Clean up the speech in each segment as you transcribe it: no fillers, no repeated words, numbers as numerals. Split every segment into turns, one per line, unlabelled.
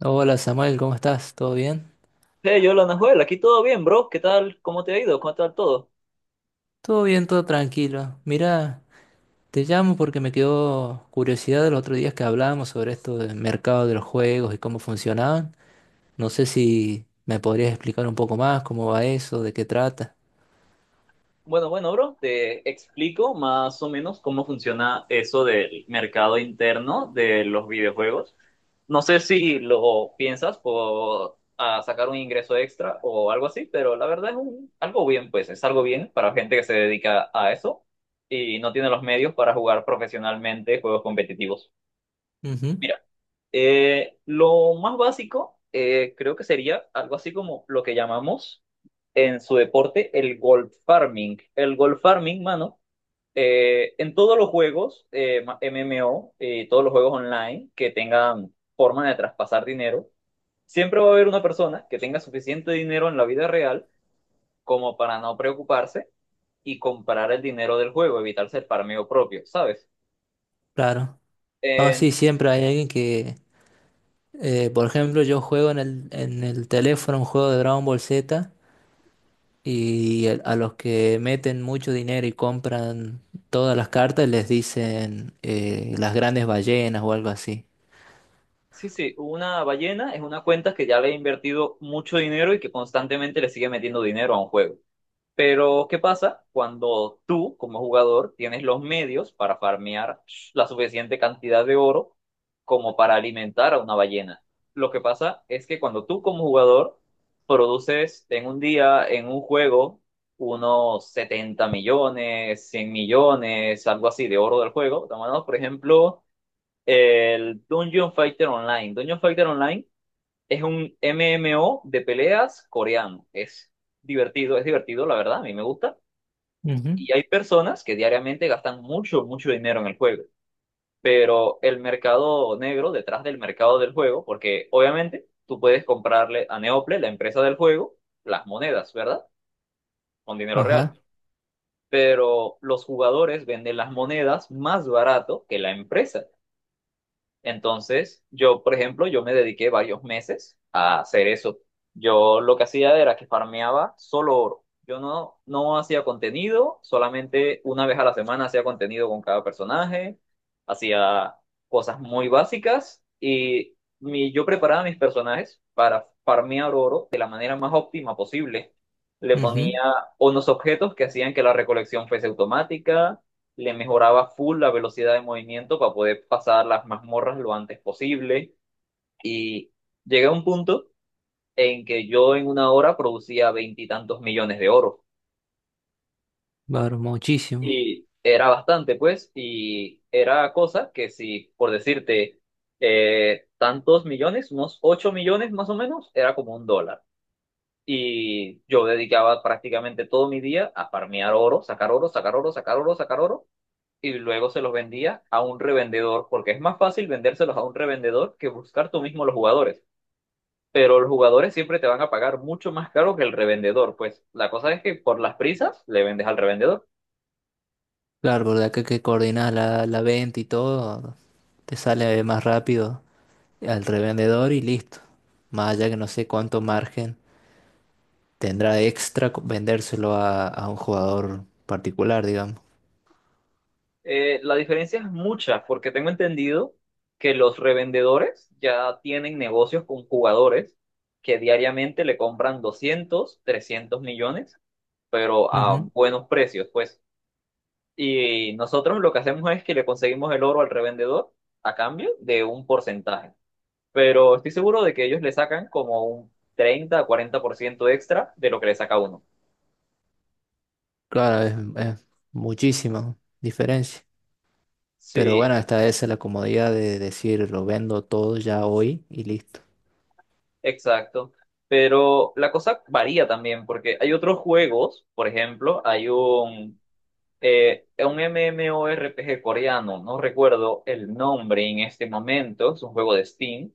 Hola Samuel, ¿cómo estás? ¿Todo bien?
Hey, yo, Nahuel, aquí todo bien, bro. ¿Qué tal? ¿Cómo te ha ido? ¿Cómo tal todo?
Todo bien, todo tranquilo. Mira, te llamo porque me quedó curiosidad los otros días que hablábamos sobre esto del mercado de los juegos y cómo funcionaban. No sé si me podrías explicar un poco más cómo va eso, de qué trata.
Bueno, bro, te explico más o menos cómo funciona eso del mercado interno de los videojuegos. No sé si lo piensas por sacar un ingreso extra o algo así, pero la verdad es algo bien, pues es algo bien para gente que se dedica a eso y no tiene los medios para jugar profesionalmente juegos competitivos.
Ujú,
Lo más básico creo que sería algo así como lo que llamamos en su deporte el gold farming. El gold farming, mano, en todos los juegos MMO y todos los juegos online que tengan forma de traspasar dinero, siempre va a haber una persona que tenga suficiente dinero en la vida real como para no preocuparse y comprar el dinero del juego, evitarse el farmeo propio, ¿sabes?
claro. Ah,
Eh,
sí, siempre hay alguien que, por ejemplo, yo juego en el teléfono un juego de Dragon Ball Z. A los que meten mucho dinero y compran todas las cartas les dicen las grandes ballenas o algo así.
Sí, sí, una ballena es una cuenta que ya le ha invertido mucho dinero y que constantemente le sigue metiendo dinero a un juego. Pero, ¿qué pasa cuando tú, como jugador, tienes los medios para farmear la suficiente cantidad de oro como para alimentar a una ballena? Lo que pasa es que cuando tú, como jugador, produces en un día, en un juego, unos 70 millones, 100 millones, algo así de oro del juego, tomando, por ejemplo. El Dungeon Fighter Online. Dungeon Fighter Online es un MMO de peleas coreano. Es divertido, la verdad, a mí me gusta.
Ujú.
Y hay personas que diariamente gastan mucho, mucho dinero en el juego. Pero el mercado negro, detrás del mercado del juego, porque obviamente tú puedes comprarle a Neople, la empresa del juego, las monedas, ¿verdad? Con dinero real.
Ajá.
Pero los jugadores venden las monedas más barato que la empresa. Entonces, yo, por ejemplo, yo me dediqué varios meses a hacer eso. Yo lo que hacía era que farmeaba solo oro. Yo no, No hacía contenido, solamente una vez a la semana hacía contenido con cada personaje, hacía cosas muy básicas y yo preparaba mis personajes para farmear oro de la manera más óptima posible. Le
Ujú.
ponía unos objetos que hacían que la recolección fuese automática, le mejoraba full la velocidad de movimiento para poder pasar las mazmorras lo antes posible. Y llegué a un punto en que yo en una hora producía veintitantos millones de oro.
Claro, muchísimo.
Y era bastante, pues, y era cosa que si, por decirte, tantos millones, unos 8 millones más o menos, era como un dólar. Y yo dedicaba prácticamente todo mi día a farmear oro, sacar oro, sacar oro, sacar oro, sacar oro, y luego se los vendía a un revendedor, porque es más fácil vendérselos a un revendedor que buscar tú mismo los jugadores. Pero los jugadores siempre te van a pagar mucho más caro que el revendedor. Pues la cosa es que por las prisas le vendes al revendedor.
Claro, porque acá que coordinas la venta y todo, te sale más rápido al revendedor y listo. Más allá que no sé cuánto margen tendrá extra vendérselo a un jugador particular, digamos.
La diferencia es mucha, porque tengo entendido que los revendedores ya tienen negocios con jugadores que diariamente le compran 200, 300 millones, pero a
Ujú.
buenos precios, pues. Y nosotros lo que hacemos es que le conseguimos el oro al revendedor a cambio de un porcentaje. Pero estoy seguro de que ellos le sacan como un 30 a ciento extra de lo que le saca uno.
Claro, es muchísima diferencia. Pero
Sí,
bueno, esta es la comodidad de decir lo vendo todo ya hoy y listo.
exacto. Pero la cosa varía también porque hay otros juegos, por ejemplo, hay un MMORPG coreano, no recuerdo el nombre en este momento, es un juego de Steam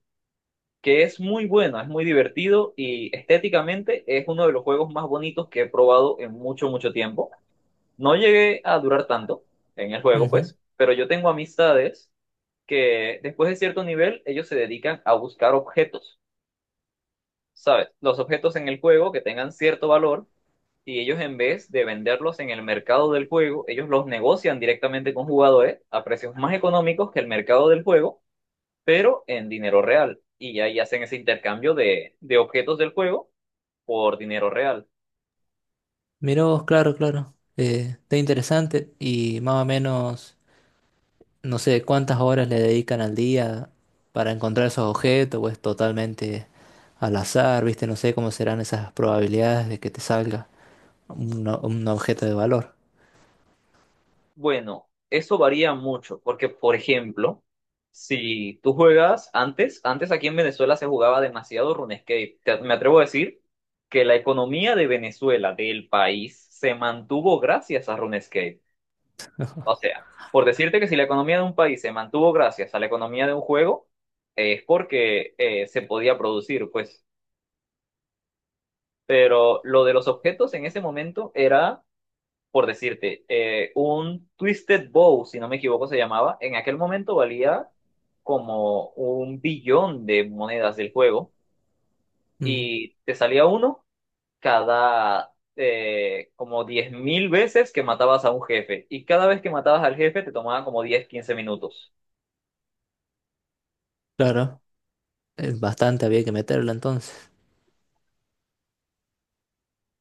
que es muy buena, es muy divertido y estéticamente es uno de los juegos más bonitos que he probado en mucho, mucho tiempo. No llegué a durar tanto en el juego,
Ujú.
pues, pero yo tengo amistades que después de cierto nivel ellos se dedican a buscar objetos, ¿sabes? Los objetos en el juego que tengan cierto valor, y ellos en vez de venderlos en el mercado del juego, ellos los negocian directamente con jugadores a precios más económicos que el mercado del juego pero en dinero real. Y ahí hacen ese intercambio de objetos del juego por dinero real.
Mira vos, claro, claro. Está interesante y más o menos, no sé, cuántas horas le dedican al día para encontrar esos objetos, o es totalmente al azar, ¿viste? No sé cómo serán esas probabilidades de que te salga un, un objeto de valor.
Bueno, eso varía mucho, porque por ejemplo, si tú juegas antes, antes aquí en Venezuela se jugaba demasiado RuneScape. Me atrevo a decir que la economía de Venezuela, del país, se mantuvo gracias a RuneScape. O sea, por decirte que si la economía de un país se mantuvo gracias a la economía de un juego, es porque se podía producir, pues, pero lo de los objetos en ese momento era, por decirte, un Twisted Bow, si no me equivoco se llamaba, en aquel momento valía como un billón de monedas del juego,
Mm,
y te salía uno cada como 10.000 veces que matabas a un jefe, y cada vez que matabas al jefe te tomaba como 10 15 minutos.
claro, es bastante, había que meterlo entonces.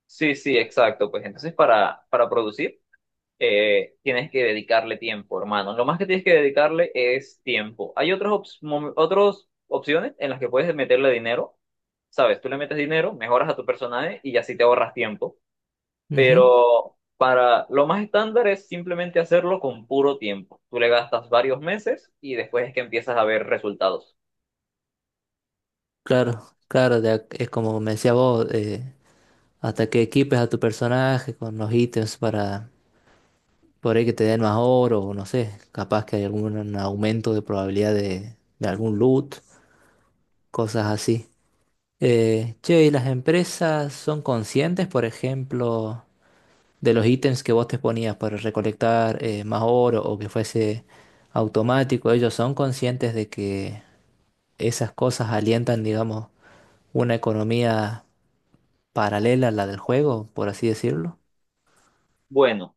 Sí, sí, exacto. Pues entonces para producir tienes que dedicarle tiempo, hermano. Lo más que tienes que dedicarle es tiempo. Hay otras opciones en las que puedes meterle dinero. Sabes, tú le metes dinero, mejoras a tu personaje y así te ahorras tiempo.
Ujú.
Pero para lo más estándar es simplemente hacerlo con puro tiempo. Tú le gastas varios meses y después es que empiezas a ver resultados.
Claro, claro, es como me decía vos, hasta que equipes a tu personaje con los ítems para por ahí que te den más oro o no sé, capaz que hay algún aumento de probabilidad de algún loot, cosas así. Che, ¿y las empresas son conscientes, por ejemplo, de los ítems que vos te ponías para recolectar más oro o que fuese automático? ¿Ellos son conscientes de que esas cosas alientan, digamos, una economía paralela a la del juego, por así decirlo?
Bueno,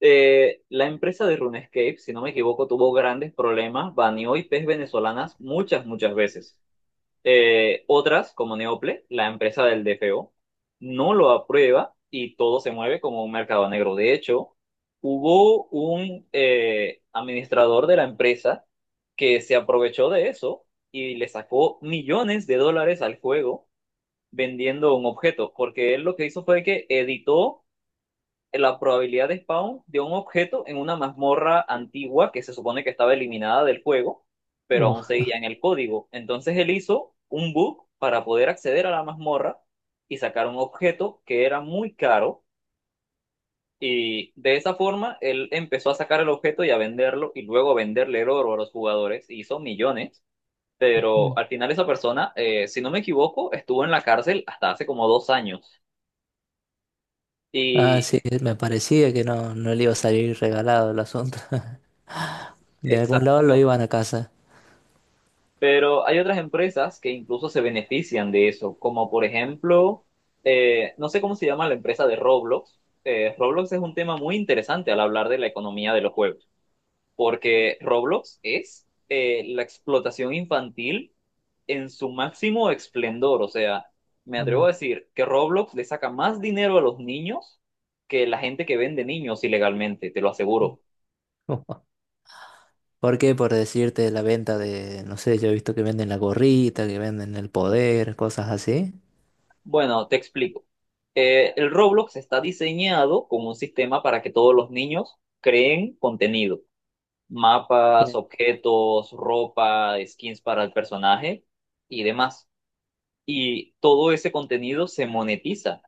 la empresa de RuneScape, si no me equivoco, tuvo grandes problemas, baneó IPs venezolanas muchas, muchas veces. Otras, como Neople, la empresa del DFO, no lo aprueba y todo se mueve como un mercado negro. De hecho, hubo un administrador de la empresa que se aprovechó de eso y le sacó millones de dólares al juego vendiendo un objeto, porque él lo que hizo fue que editó la probabilidad de spawn de un objeto en una mazmorra antigua que se supone que estaba eliminada del juego, pero aún
Uf.
seguía en el código. Entonces él hizo un bug para poder acceder a la mazmorra y sacar un objeto que era muy caro. Y de esa forma él empezó a sacar el objeto y a venderlo y luego a venderle el oro a los jugadores. Hizo millones, pero al final esa persona, si no me equivoco, estuvo en la cárcel hasta hace como 2 años.
Ah,
Y
sí, me parecía que no, no le iba a salir regalado el asunto. De algún lado lo
exacto.
iban a casa.
Pero hay otras empresas que incluso se benefician de eso, como por ejemplo, no sé cómo se llama la empresa de Roblox. Roblox es un tema muy interesante al hablar de la economía de los juegos, porque Roblox es la explotación infantil en su máximo esplendor. O sea, me
Mm.
atrevo a decir que Roblox le saca más dinero a los niños que la gente que vende niños ilegalmente, te lo aseguro.
¿Por qué? Por decirte la venta de, no sé, yo he visto que venden la gorrita, que venden el poder, cosas así.
Bueno, te explico. El Roblox está diseñado como un sistema para que todos los niños creen contenido, mapas,
Sí.
objetos, ropa, skins para el personaje y demás. Y todo ese contenido se monetiza,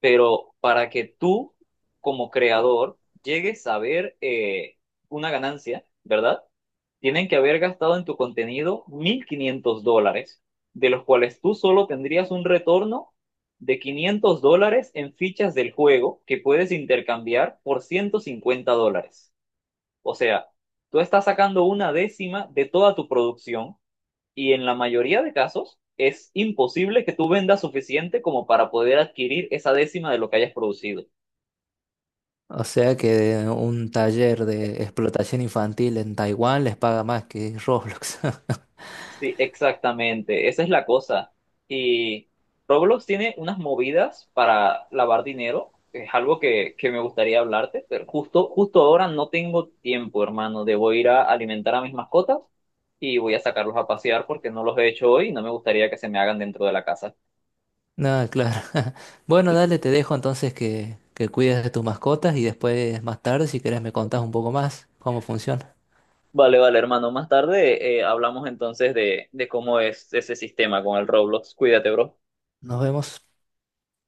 pero para que tú como creador llegues a ver una ganancia, ¿verdad? Tienen que haber gastado en tu contenido $1.500, de los cuales tú solo tendrías un retorno de $500 en fichas del juego que puedes intercambiar por $150. O sea, tú estás sacando una décima de toda tu producción y en la mayoría de casos es imposible que tú vendas suficiente como para poder adquirir esa décima de lo que hayas producido.
O sea que un taller de explotación infantil en Taiwán les paga más que Roblox.
Sí, exactamente, esa es la cosa. Y Roblox tiene unas movidas para lavar dinero, que es algo que me gustaría hablarte, pero justo ahora no tengo tiempo, hermano. Debo ir a alimentar a mis mascotas y voy a sacarlos a pasear porque no los he hecho hoy y no me gustaría que se me hagan dentro de la casa.
No, claro. Bueno, dale, te dejo entonces que cuides de tus mascotas y después, más tarde, si querés, me contás un poco más cómo funciona.
Vale, hermano. Más tarde hablamos entonces de cómo es ese sistema con el Roblox. Cuídate, bro.
Nos vemos.